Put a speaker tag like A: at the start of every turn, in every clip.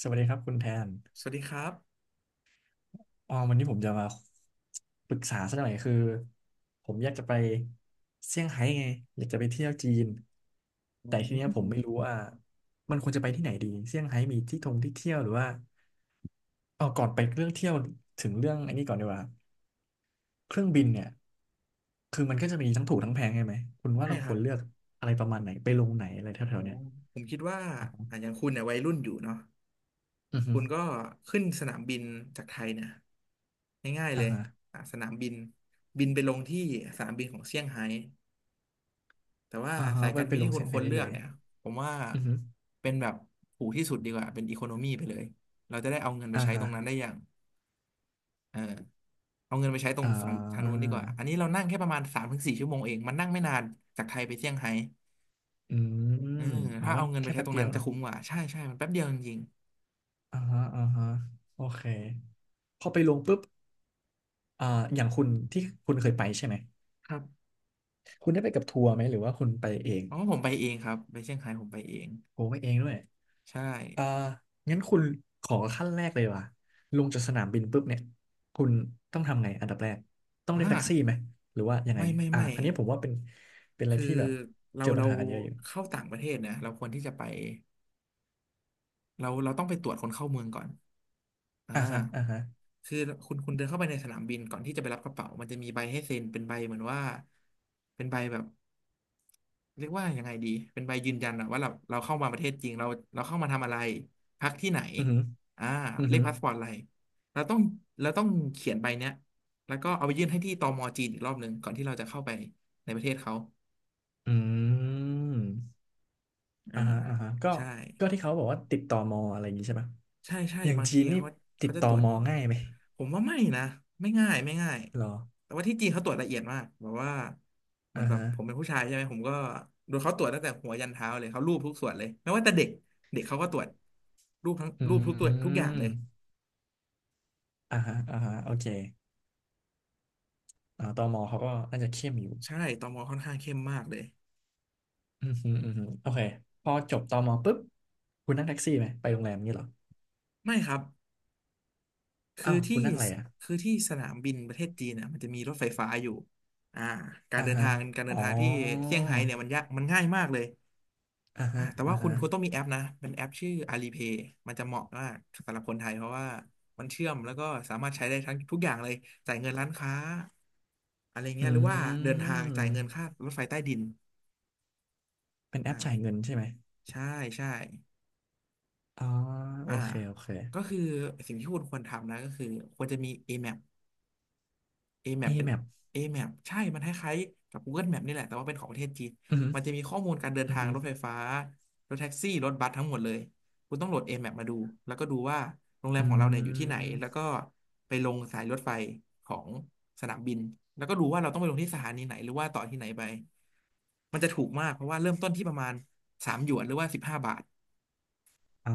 A: สวัสดีครับคุณแทน
B: สวัสดีครับ
A: อ๋อวันนี้ผมจะมาปรึกษาสักหน่อยคือผมอยากจะไปเซี่ยงไฮ้ไงอยากจะไปเที่ยวจีน
B: อื
A: แต่ทีเนี้ยผมไม่
B: ม
A: รู้ว่ามันควรจะไปที่ไหนดีเซี่ยงไฮ้มีที่ท่องที่เที่ยวหรือว่าอ๋อาก่อนไปเรื่องเที่ยวถึงเรื่องอันนี้ก่อนดีกว่าเครื่องบินเนี่ยคือมันก็จะมีทั้งถูกทั้งแพงใช่ไหมคุณว่า
B: ใช่
A: เรา
B: ค
A: ค
B: รั
A: ว
B: บ
A: รเลือกอะไรประมาณไหนไปลงไหนอะไร
B: อ๋อ
A: แถวๆเนี้ย
B: ผมคิดว่า
A: อ๋อ
B: อ่ะอย่างคุณเนี่ยวัยรุ่นอยู่เนาะ
A: อือฮึ
B: คุณก็ขึ้นสนามบินจากไทยเนี่ยง่ายๆเล
A: อ่า
B: ย
A: ฮะ
B: อ่ะสนามบินบินไปลงที่สนามบินของเซี่ยงไฮ้แต่ว่า
A: อ่าฮะ
B: สาย
A: ไป
B: การ
A: ไป
B: บิน
A: ล
B: ที่
A: ง
B: คุ
A: เซี่
B: ณ
A: ยง
B: ค
A: ไฮ้
B: วร
A: ได้
B: เลื
A: เล
B: อก
A: ย
B: เนี่ยผมว่า
A: อือฮึ
B: เป็นแบบถูกที่สุดดีกว่าเป็นอีโคโนมีไปเลยเราจะได้เอาเงินไป
A: อ่า
B: ใช้ต
A: ฮะ
B: รงนั้นได้อย่างเออเอาเงินไปใช้ตร
A: อ่
B: งฝั่งทางนู้นดีกว่าอัน
A: า
B: นี้เรานั่งแค่ประมาณ3 ถึง 4 ชั่วโมงเองมันนั่งไม่นานจากไทยไปเซี่ยงไฮ้
A: อื
B: เออ
A: มอ๋อ
B: ถ้า
A: มั
B: เอา
A: น
B: เงินไป
A: แค่
B: ใช้
A: แป๊
B: ต
A: บ
B: รง
A: เดี
B: นั้
A: ยว
B: นจะ
A: เนาะ
B: คุ้มกว่าใช่ใช่มันแป๊บเดียวจริง
A: อ่าฮะอ่าฮะโอเคพอไปลงปุ๊บอ่าอย่างคุณที่คุณเคยไปใช่ไหม
B: ๆครับ
A: คุณได้ไปกับทัวร์ไหมหรือว่าคุณไปเอง
B: เพราะว่าผมไปเองครับไปเซี่ยงไฮ้ผมไปเอง
A: โอ้ไปเองด้วย
B: ใช่
A: อ่างั้นคุณขอขั้นแรกเลยดีกว่ะลงจากสนามบินปุ๊บเนี่ยคุณต้องทำไงอันดับแรกต้องเรีย
B: อ่า
A: กแท็กซี่ไหมหรือว่ายังไง
B: ไม่ไม่
A: อ่า
B: ไม่
A: อันนี้ผมว่าเป็นอะไร
B: คือ
A: ที่แบบ
B: เรา
A: เจอปัญ
B: เรา
A: หากันเยอะอยู่
B: เข้าต่างประเทศเนี่ยเราควรที่จะไปเราต้องไปตรวจคนเข้าเมืองก่อนอ่า
A: อ่าฮะอ่าฮะ
B: คือคุณเดินเข้าไปในสนามบินก่อนที่จะไปรับกระเป๋ามันจะมีใบให้เซ็นเป็นใบเหมือนว่าเป็นใบแบบ เรียกว่ายังไงดี เป็นใบยืนยันอะว่าเราเข้ามาประเทศจริงเราเราเข้ามาทำอะไรพักที่ไหน
A: อือฮึ
B: อ่า
A: อือ
B: เลข
A: ฮึ
B: พาสปอร์ตอะไรเราต้องเราต้องเขียนใบเนี้ยแล้วก็เอาไปยื่นให้ที่ตมจีนอีกรอบหนึ่งก่อนที่เราจะเข้าไปในประเทศเขา
A: อืม อ่า
B: อ่า
A: ฮะอ่าฮะก็
B: ใช่
A: ก็ที่เขาบอกว่าติดต่อมออะไรอย่างงี้ใช่ปะ
B: ใช่
A: อย่าง
B: บาง
A: จี
B: ที
A: นนี่
B: เขา
A: ติ
B: เขา
A: ด
B: จะ
A: ต่อ
B: ตรวจ
A: มอ
B: เรา
A: ง่ายไหม
B: ผมว่าไม่นะไม่ง่าย
A: หรอ
B: แต่ว่าที่จีนเขาตรวจละเอียดมากแบบว่าเหมือ
A: อ่า
B: นแบบ
A: ฮะ
B: ผมเป็นผู้ชายใช่ไหมผมก็โดนเขาตรวจตั้งแต่หัวยันเท้าเลยเขารูปทุกส่วนเลยไม่ว่าแต่เด็กเด็กเขาก็ตรวจรูปทั้ง
A: อื
B: รูปทุกตัวทุกอย่างเลย
A: มอ่าฮะอ่าฮะโอเคอ่าตมเขาก็น่าจะเข้มอยู่
B: ใช่ตมค่อนข้างเข้มมากเลย
A: อืมฮึอืมฮึโอเคพอจบตมปุ๊บคุณนั่งแท็กซี่ไหมไปโรงแรมนี่เหรอ
B: ไม่ครับคือ
A: อ้าว
B: ที่
A: คุณนั่งอะไรอ่ะ
B: คือที่สนามบินประเทศจีนน่ะมันจะมีรถไฟฟ้าอยู่อ่าการ
A: อ่า
B: เดิน
A: ฮะ
B: ทางการเดิ
A: อ๋อ
B: นทางที่เซี่ยงไฮ้เนี่ยมันยากมันง่ายมากเลย
A: อ่า
B: อ่ะ
A: ฮะ
B: แต่
A: อ่า
B: ว่าคุณ
A: ฮะ
B: คุณต้องมีแอปนะเป็นแอปชื่อ Alipay มันจะเหมาะมากสำหรับคนไทยเพราะว่ามันเชื่อมแล้วก็สามารถใช้ได้ทั้งทุกอย่างเลยจ่ายเงินร้านค้าอะไร
A: อ
B: เงี้ยหรือว่า
A: ื
B: เดินทางจ่าย
A: ม
B: เงินค่ารถไฟใต้ดิน
A: เป็นแอป
B: อ่า
A: จ่ายเงินใช่ไหม
B: ใช่ใช่
A: อ๋อโอ
B: อ่า
A: เคโอเค
B: ก็คือสิ่งที่คุณควรทำนะก็คือควรจะมี AMAP AMAP
A: A
B: เป็น
A: map
B: AMAP ใช่ มันคล้ายๆกับ Google Map นี่แหละ แต่ว่าเป็นของประเทศจีน
A: อืม
B: มันจะมีข้อมูลการเดิน
A: อหืมออือ
B: ทาง
A: หือ
B: รถไฟฟ้ารถแท็กซี่รถบัสทั้งหมดเลยคุณต้องโหลด AMAP มาดูแล้วก็ดูว่าโรงแร
A: อื
B: มของเราเนี่ยอยู่ที่ไหนแล้ว
A: ม
B: ก็ไปลงสายรถไฟของสนามบินแล้วก็ดูว่าเราต้องไปลงที่สถานีไหนหรือว่าต่อที่ไหนไปมันจะถูกมากเพราะว่าเริ่มต้นที่ประมาณ3 หยวนหรือว่า15 บาท
A: อ๋อ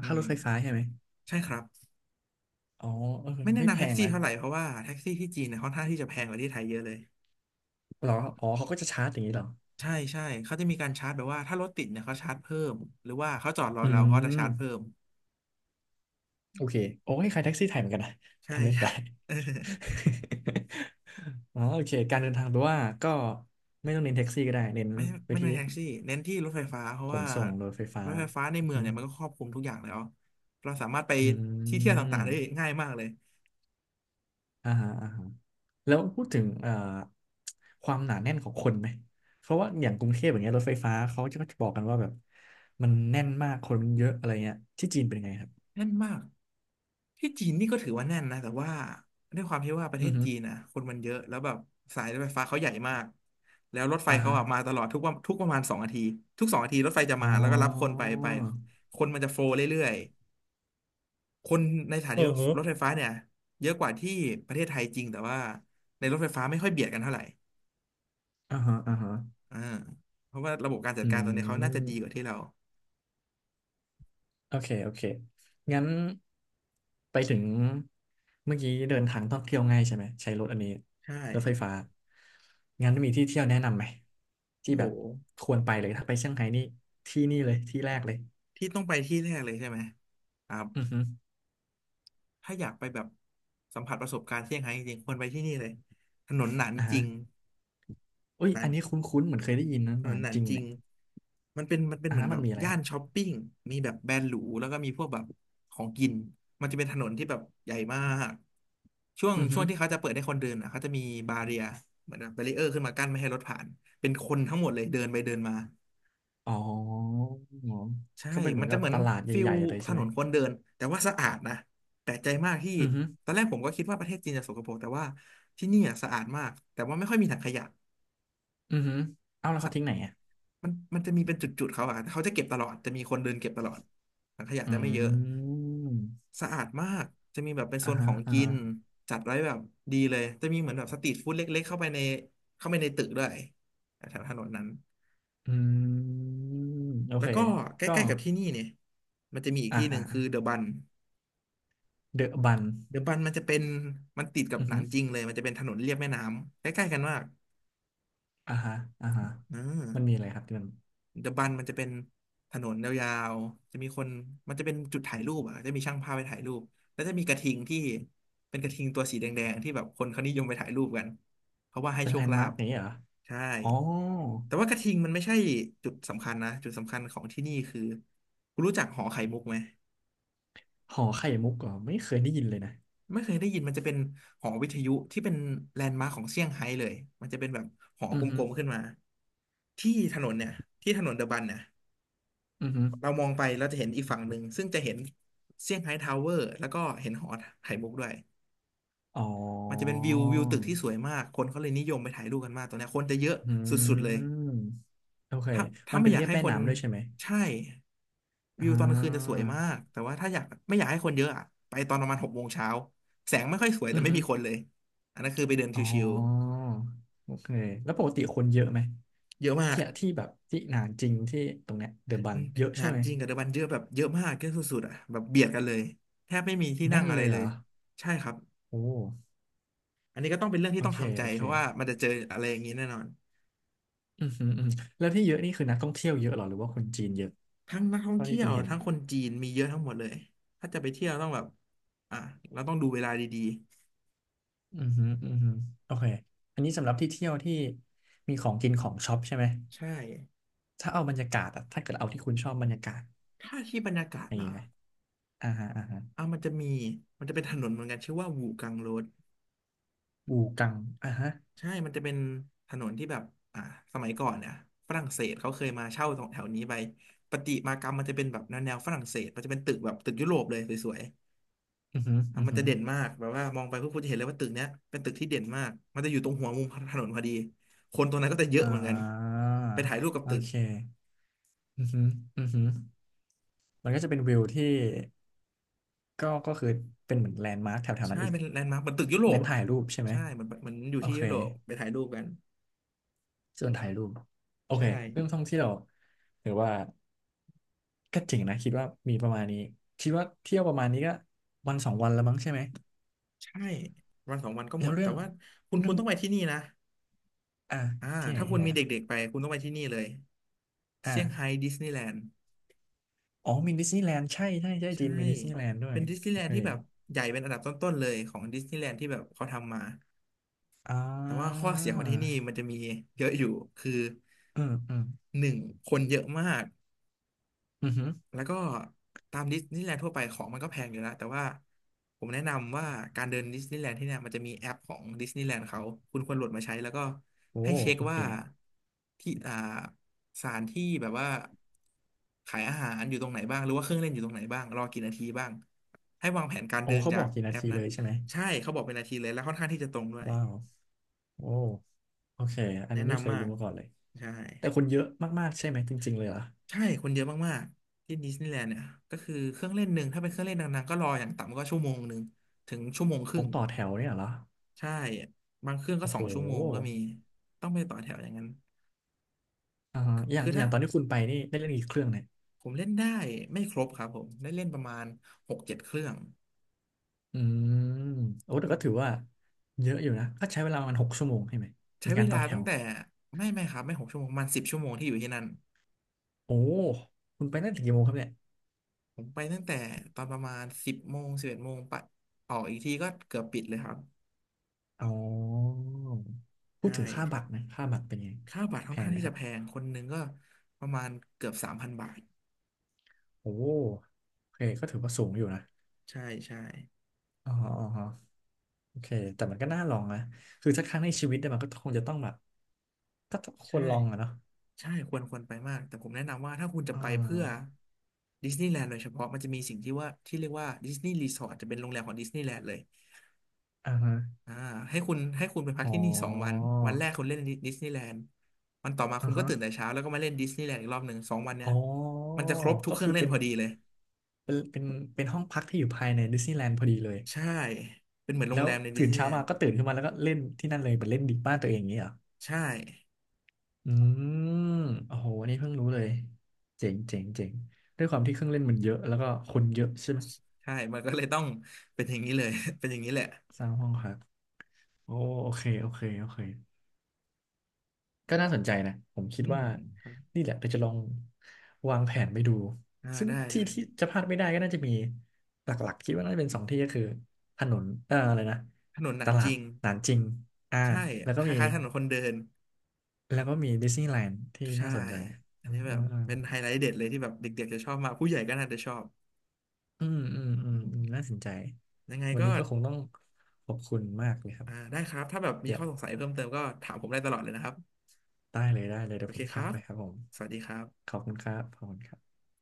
B: อื
A: ค่า
B: ม
A: รถไฟฟ้าใช่ไหม
B: ใช่ครับ
A: อ๋อเออ
B: ไม่แนะ
A: ไม่แพ
B: นำแท็ก
A: ง
B: ซี่
A: นะ
B: เท่าไหร่เพราะว่าแท็กซี่ที่จีนเนี่ยค่อนข้างที่จะแพงกว่าที่ไทยเยอะเลย
A: เหรออ๋อ เขาก็จะชาร์จอย่างนี้เหรอ
B: ใช่เขาจะมีการชาร์จแบบว่าถ้ารถติดเนี่ยเขาชาร์จเพิ่มหรือว่าเขาจอดรอ
A: อื
B: เราเขาจะ
A: ม
B: ชาร์จเพิ่ม
A: โอเค โอ้ยใครแท็กซี่ไทยเหมือนกันนะ
B: ใช่
A: ทำเล่น
B: ใช่
A: ไป
B: เออ
A: อ๋อ โอเค การเดินทางแปลว่าก็ไม่ต้องเน้นแท็กซี่ก็ได้ เน้น
B: ไม่
A: ไป
B: ไม่ใน
A: ที่
B: นแท็กซี่เน้นที่รถไฟฟ้าเพราะ
A: ขน
B: ว่า
A: ส่งรถไฟฟ้า
B: รถไฟฟ้าในเมือ
A: อื
B: ง
A: ม
B: เนี่ยมันก็ครอบคลุมทุกอย่างแล้วเราสามารถไป
A: อหือ
B: ที่เที่ยว
A: อื
B: ต่า
A: ม
B: งๆได้ง่ายมากเลย
A: อ่าฮะอ่าฮะ แล้วพูดถึงความหนาแน่นของคนไหมเพราะว่าอย่างกรุงเทพอย่างเงี้ยรถไฟฟ้าเขาจะก็จะบอกกันว่าแบบมันแน่นมากคนมันเยอะอะไรเงี้ยที่จีนเป็นไงครับ
B: แน่นมากที่จีนนี่ก็ถือว่าแน่นนะแต่ว่าด้วยความที่ว่าประเท
A: อื
B: ศ
A: อฮึ
B: จีนนะคนมันเยอะแล้วแบบสายรถไฟฟ้าเขาใหญ่มากแล้วรถไฟ
A: อ่า
B: เขา
A: ฮะ
B: อะมาตลอดทุกวันทุกประมาณสองนาทีทุกสองนาทีรถไฟจะ
A: อ๋อ
B: มาแล้วก็รับคนไปไปคนมันจะโฟลว์เรื่อย คนในสถา
A: เอ
B: นี
A: อฮะ
B: รถไฟฟ้าเนี่ยเยอะกว่าที่ประเทศไทยจริงแต่ว่าในรถไฟฟ้าไม่ค่อยเบียดกันเท่าไหร่
A: อ่าฮะอ่าฮะ
B: อ่าเพราะว่าระบบการจัด
A: อื
B: การตอนนี้เขาน่าจะดี
A: ม
B: กว่าที่เรา
A: โอเคโอเค งั้นไปถึงเมื่อกี้เดินทางท่องเที่ยวง่ายใช่ไหมใช้รถอันนี้
B: ใช่
A: รถไฟฟ้างั้นมีที่เที่ยวแนะนำไหม
B: โอ้
A: ที่
B: โห
A: แบบควรไปเลยถ้าไปเซี่ยงไฮ้นี่ที่นี่เลยที่แรกเลย
B: ที่ต้องไปที่แรกเลยใช่ไหมครับ
A: อือฮึ
B: ถ้าอยากไปแบบสัมผัสประสบการณ์เซี่ยงไฮ้จริงๆควรไปที่นี่เลยถนนหนาน
A: อ่า
B: จ
A: ฮะ
B: ริง
A: อุ้ย
B: หนา
A: อั
B: น
A: นนี้คุ้นๆเหมือนเคยได้ยินนะ
B: ถ
A: ห
B: น
A: นา
B: น
A: น
B: หนาน
A: จริง
B: จริ
A: เนี่
B: ง
A: ย
B: มันเป็น
A: อ่า
B: เหมือ
A: ฮะ
B: นแบ
A: มัน
B: บ
A: มีอะไรค
B: ย่า
A: รั
B: น
A: บ
B: ช้อปปิ้งมีแบบแบรนด์หรูแล้วก็มีพวกแบบของกินมันจะเป็นถนนที่แบบใหญ่มากช่วง
A: อือ
B: ช่
A: ฮึ
B: วงที่เขาจะเปิดให้คนเดินอ่ะเขาจะมีบาเรียเหมือนแบบแบรีเออร์ขึ้นมากั้นไม่ให้รถผ่านเป็นคนทั้งหมดเลยเดินไปเดินมา
A: อ๋อ
B: ใช่
A: ก็เป็นเหมื
B: มั
A: อ
B: น
A: น
B: จะ
A: กับ
B: เหมือน
A: ตลาด
B: ฟิ
A: ให
B: ล
A: ญ่ๆเลย
B: ถ
A: ใช่ไห
B: น
A: ม
B: นคนเดินแต่ว่าสะอาดนะแปลกใจมากที่
A: อือฮึ
B: ตอนแรกผมก็คิดว่าประเทศจีนจะสกปรกแต่ว่าที่นี่อะสะอาดมากแต่ว่าไม่ค่อยมีถังขยะ
A: อือฮึเอ้าแล้วเขาทิ้งไหนอ่ะ
B: มันจะมีเป็นจุดๆเขาอะเขาจะเก็บตลอดจะมีคนเดินเก็บตลอดถังขยะ
A: อื
B: จะไม่เยอะ
A: ม
B: สะอาดมากจะมีแบบเป็นโซ
A: อ่า
B: นข
A: ฮะ
B: อง
A: อ่า
B: กิ
A: ฮะ
B: นจัดไว้แบบดีเลยจะมีเหมือนแบบสตรีทฟู้ดเล็กๆเข้าไปในตึกด้วยแถวถนนนั้น
A: อืมโอ
B: แล้
A: เค
B: วก็ใก
A: ก็
B: ล้ๆกับที่นี่เนี่ยมันจะมีอีก
A: อ่า
B: ที่หนึ่
A: อ่า
B: งคือเดอะบัน
A: เดอะบัน
B: เดอะบันมันจะเป็นมันติดกับ
A: อือ
B: หนา
A: ฮึ
B: นจริงเลยมันจะเป็นถนนเลียบแม่น้ำใกล้ๆกันมาก
A: อ่าฮะอ่าฮะ
B: อ่
A: มันมี
B: า
A: อะไรครับที่มัน
B: เดอะบันมันจะเป็นถนนยาวๆจะมีคนมันจะเป็นจุดถ่ายรูปอ่ะจะมีช่างภาพไปถ่ายรูปแล้วจะมีกระทิงที่เป็นกระทิงตัวสีแดงๆที่แบบคนเขานิยมไปถ่ายรูปกันเพราะว่าให้
A: เป็น
B: โช
A: แล
B: ค
A: นด์
B: ลา
A: มาร์ก
B: ภ
A: นี้เหรอ
B: ใช่
A: อ๋อ
B: แต่ว่ากระทิงมันไม่ใช่จุดสำคัญนะจุดสำคัญของที่นี่คือคุณรู้จักหอไข่มุกไหม
A: หอไข่มุกเหรอไม่เคยได้ยินเลยนะ
B: ไม่เคยได้ยินมันจะเป็นหอวิทยุที่เป็นแลนด์มาร์คของเซี่ยงไฮ้เลยมันจะเป็นแบบหอ
A: อื
B: ก
A: อฮึ
B: ลมๆขึ้นมาที่ถนนเนี่ยที่ถนนเดอะบันเนี่ย
A: อือฮึ
B: เรามองไปเราจะเห็นอีกฝั่งหนึ่งซึ่งจะเห็นเซี่ยงไฮ้ทาวเวอร์แล้วก็เห็นหอไข่มุกด้วย
A: อ๋อ
B: มันจะเป็นวิวตึกที่สวยมากคนเขาเลยนิยมไปถ่ายรูปกันมากตรงเนี้ยคนจะเยอะ
A: อื
B: สุดๆเลย
A: มโอเค
B: ถ้า
A: มั
B: ถ้า
A: น
B: ไม่
A: เป็น
B: อยา
A: เรี
B: ก
A: ยบ
B: ให้
A: แม่
B: คน
A: น้ำด้วยใช่ไหม
B: ใช่
A: อ่
B: วิวตอนกลางคืนจะสว
A: า
B: ยมากแต่ว่าถ้าอยากไม่อยากให้คนเยอะอะไปตอนประมาณหกโมงเช้าแสงไม่ค่อยสวย
A: อื
B: แต่
A: อ
B: ไม่
A: ฮึ
B: มีคน
A: อ
B: เลยอันนั้นคือไปเดิน
A: อ๋
B: ชิว
A: อโอเคแล้วปกติคนเยอะไหม
B: ๆเยอะมา
A: ที่
B: ก
A: ที่แบบที่หนานจริงที่ตรงเนี้ยเดอะบั
B: อื
A: น
B: ม
A: เยอะ
B: นา
A: ใช่
B: น
A: ไหม
B: จริงกับเดอะบันเยอะแบบเยอะมากเยอะสุดๆอ่ะแบบเบียดกันเลยแทบไม่มีที่นั่
A: แน่
B: ง
A: น
B: อะ
A: เล
B: ไร
A: ย
B: เล
A: เหร
B: ย
A: อ
B: ใช่ครับ
A: โอ้
B: อันนี้ก็ต้องเป็นเรื่อง
A: โอ
B: ที่ต้อง
A: เค
B: ทำใจ
A: โอเค
B: เพราะว่ามันจะเจออะไรอย่างนี้แน่นอน
A: อือฮึอือหึแล้วที่เยอะนี่คือนักท่องเที่ยวเยอะเหรอหรือว่าคนจีนเยอะ
B: ทั้งนักท่อง
A: เท่าที่
B: เที่ย
A: คุ
B: ว
A: ณเห็น
B: ทั้งคนจีนมีเยอะทั้งหมดเลยถ้าจะไปเที่ยวต้องแบบอ่ะเราต้องดูเวลาดี
A: อือฮึอือฮึอโอเคอันนี้สำหรับที่เที่ยวที่มีของกินของช็อปใช่ไหม
B: ๆใช่
A: ถ้าเอาบรรยากาศอะถ้าเกิดเอาที่คุณชอบบรรยากาศ
B: ถ้าที่บรรยากาศ
A: อย่า
B: เห
A: ง
B: ร
A: นี้
B: อ
A: ไหมอ่าฮะอ่าฮะ
B: อ่ะมันจะมีมันจะเป็นถนนเหมือนกันชื่อว่าวูกังโรด
A: บูกังอ่าฮะ
B: ใช่ มันจะเป็นถนนที่แบบอ่ะสมัยก่อนเนี่ยฝรั่งเศสเขาเคยมาเช่าตรงแถวนี้ไปประติมากรรมมันจะเป็นแบบแนวฝรั่งเศสมันจะเป็นตึกแบบตึกยุโรปเลยสวย
A: อือฮึ
B: อ่ะ
A: อือ
B: มัน
A: ฮึ
B: จะเด่นมากแบบว่ามองไปพวกคุณจะเห็นเลยว่าตึกเนี้ยเป็นตึกที่เด่นมากมันจะอยู่ตรงหัวมุมถนนพอดีคนตรงนั้นก็จะเยอะ
A: อ่
B: เหมือนกัน
A: า
B: ไปถ่ายรูปกับ
A: โอ
B: ตึก
A: เคอือฮึอือฮึมันก็จะเป็นวิวที่ก็ก็คือเป็นเหมือนแลนด์มาร์คแถวๆ
B: ใช่
A: นั้นอีก
B: เป็นแลนด์มาร์คเหมือนตึกยุโรป
A: เน้น
B: อ่ะ
A: ถ่ายรูปใช่ไหม
B: ใช่เหมอนอยู่
A: โอ
B: ที่
A: เค
B: ยุโรปไปถ่ายรูปกัน
A: ส่วนถ่ายรูปโอเค
B: ใช่
A: เรื่องท่องเที่ยวหรือว่าก็เจริงนะคิดว่ามีประมาณนี้คิดว่าเที่ยวประมาณนี้ก็วันสองวันละมั้งใช่ไหม
B: ใช่วันสองวันก็ห
A: แล้
B: ม
A: ว
B: ด
A: เรื่
B: แต่
A: อง
B: ว่าคุณ
A: เรื่
B: คุ
A: อ
B: ณ
A: ง
B: ต้องไปที่นี่นะ
A: อ่ะ
B: อ่า
A: ที่ไหน
B: ถ้าคุ
A: ที่
B: ณ
A: ไหน
B: มี
A: ครับ
B: เด็กๆไปคุณต้องไปที่นี่เลย
A: อ่า
B: เซี่ยงไฮ้ดิสนีย์แลนด์
A: อ๋อมีดิสนีย์แลนด์ใช่ใช่ใช่จี
B: ใช่
A: นมีดิสนีย์แลนด์ด้ว
B: เป็
A: ย
B: นดิสนีย์
A: โอ
B: แลน
A: เค
B: ด์ที่แบบใหญ่เป็นอันดับต้นๆเลยของดิสนีย์แลนด์ที่แบบเขาทำมา
A: อ่
B: แต่ว่าข้อ
A: า
B: เสียของที่นี่มันจะมีเยอะอยู่คือ
A: อืมอืม
B: หนึ่งคนเยอะมาก
A: อือหือ
B: แล้วก็ตามดิสนีย์แลนด์ทั่วไปของมันก็แพงอยู่แล้วแต่ว่าผมแนะนำว่าการเดินดิสนีย์แลนด์ที่เนี่ยมันจะมีแอปของดิสนีย์แลนด์เขาคุณควรโหลดมาใช้แล้วก็
A: โอ้
B: ให้เช็ค
A: โอเค
B: ว่าที่สถานที่แบบว่าขายอาหารอยู่ตรงไหนบ้างหรือว่าเครื่องเล่นอยู่ตรงไหนบ้างรอกี่นาทีบ้างให้วางแผนการ
A: โอ้
B: เดิน
A: เขา
B: จา
A: บอ
B: ก
A: กกี่นา
B: แอป
A: ที
B: นั้
A: เล
B: น
A: ยใช่ไหม
B: ใช่เขาบอกเป็นนาทีเลยแล้วค่อนข้างที่จะตรงด้วย
A: ว้าวโอ้โอเค อันนี้
B: แนะ
A: ไม่เค
B: นำ
A: ย
B: มา
A: รู้
B: ก
A: มาก่อนเลย
B: ใช่
A: แต่คนเยอะมากๆใช่ไหมจริงๆเลยเหรอ
B: ใช่คนเยอะมากๆที่ดิสนีย์แลนด์เนี่ยก็คือเครื่องเล่นหนึ่งถ้าเป็นเครื่องเล่นดังๆก็รออย่างต่ำก็ชั่วโมงหนึ่งถึงชั่วโมงค
A: โอ้
B: รึ่ง
A: ต่อแถวเนี่ยเหรอ
B: ใช่บางเครื่องก็
A: โอ้
B: ส
A: โห
B: องชั่วโมงก็มีต้องไปต่อแถวอย่างนั้น
A: อ่าอย่าง
B: คือ
A: อ
B: ถ้า
A: ย่างตอนที่คุณไปนี่ได้เล่นกี่เครื่องเนี่ย
B: ผมเล่นได้ไม่ครบครับผมได้เล่นประมาณ6-7 เครื่อง
A: อืมโอ้แต่
B: อื
A: ก็
B: ม
A: ถือว่าเยอะอยู่นะก็ใช้เวลาประมาณ6 ชั่วโมงใช่ไหมใน
B: ใช้เว
A: การต่
B: ลา
A: อแถ
B: ตั้ง
A: ว
B: แต่ไม่ครับไม่6 ชั่วโมงประมาณ10 ชั่วโมงที่อยู่ที่นั่น
A: โอ้คุณไปตั้งแต่กี่โมงครับเนี่ย
B: ผมไปตั้งแต่ตอนประมาณ10 โมง 11 โมงไปออกอีกทีก็เกือบปิดเลยครับ
A: อ๋อพูด
B: ใช่
A: ถึงค่าบัตรนะค่าบัตรเป็นไง
B: ค่าบัตรค่อ
A: แพ
B: นข้า
A: ง
B: ง
A: ไหม
B: ที่
A: ค
B: จะ
A: รับ
B: แพงคนหนึ่งก็ประมาณเกือบ3,000 บาท
A: โอ้โอเคก็ถือว่าสูงอยู่นะ
B: ใช่ใช่
A: อ๋ออ๋ออ๋อโอเคแต่มันก็น่าลองนะคือถ้าครั้งในชีวิตเนี่ยมันก็คงจะต้องแบบก็ต้องคว
B: ใช่
A: รลองอะเนาะ
B: ใช่ควรไปมากแต่ผมแนะนำว่าถ้าคุณจะ
A: อ่
B: ไปเพื่อ
A: า
B: ดิสนีย์แลนด์โดยเฉพาะมันจะมีสิ่งที่ว่าที่เรียกว่าดิสนีย์รีสอร์ทจะเป็นโรงแรมของดิสนีย์แลนด์เลย
A: อ่าฮะ
B: อ่าให้คุณไปพัก
A: อ๋อ
B: ที่นี่สองวันวันแรกคุณเล่นดิสนีย์แลนด์วันต่อมาคุ
A: อ่า
B: ณก็
A: ฮะ
B: ตื่นแต่เช้าแล้วก็มาเล่นดิสนีย์แลนด์อีกรอบหนึ่งสองวันเนี้
A: อ๋
B: ย
A: อ
B: มันจะครบทุก
A: ก็
B: เครื่อ
A: คือ
B: งเล่น
A: เป็น
B: พอดีเลย
A: เป็นเป็นเป็นห้องพักที่อยู่ภายในดิสนีย์แลนด์พอดีเลย
B: ใช่เป็นเหมือนโร
A: แล้
B: ง
A: ว
B: แรมในดิ
A: ตื่
B: ส
A: น
B: นีย์
A: เช้า
B: แลน
A: มา
B: ด์
A: ก็ตื่นขึ้นมาแล้วก็เล่นที่นั่นเลยเหมือนเล่นดิบบ้านตัวเองอย่างนี้เหรอ
B: ใช่
A: อืมโอ้โหอันนี้เพิ่งรู้เลยเจ๋งเจ๋งเจ๋งด้วยความที่เครื่องเล่นมันเยอะแล้วก็คนเยอะใช่ไหม
B: ใช่มันก็เลยต้องเป็นอย่างนี้เลย เป็นอย่างนี้แหละ
A: สร้างห้องครับโอ้โอเคโอเคโอเคก็น่าสนใจนะผมคิด
B: อืม
A: ว่า
B: ครับ
A: นี่แหละเราจะลองวางแผนไปดู
B: อ่า
A: ซึ่ง
B: ได้
A: ที่
B: ได้
A: ที่จะพลาดไม่ได้ก็น่าจะมีหลักๆคิดว่าน่าจะเป็นสองที่ก็คือถนนอะไรนะ
B: ถนนห
A: ต
B: นาน
A: ลา
B: จ
A: ด
B: ริง
A: หนานจริงอ่า
B: ใช่
A: แล้วก็
B: ค
A: มี
B: ล้ายๆถนนคนเดิน
A: แล้วก็มีดิสนีย์แลนด์ที่
B: ใช่
A: น่าสนใจ
B: อั
A: อ่
B: นนี้แบบเป็นไฮ
A: า
B: ไลท์เด็ดเลยที่แบบเด็กๆจะชอบมากผู้ใหญ่ก็น่าจะชอบ
A: อืมอืมอื
B: อื
A: ม
B: ม
A: อืมน่าสนใจ
B: ยังไง
A: วัน
B: ก็
A: นี้ก็คงต้องขอบคุณมากเลยครับ
B: อ่าได้ครับถ้าแบบมี
A: เดี๋ย
B: ข้
A: ว
B: อสงสัยเพิ่มเติมก็ถามผมได้ตลอดเลยนะครับ
A: ได้เลยได้เลยเดี๋
B: โอ
A: ยวผ
B: เค
A: ม
B: ค
A: ทั
B: รั
A: ก
B: บ
A: ไปครับผม
B: สวัสดีครั
A: ข
B: บ
A: อบคุณครับขอบคุณครับ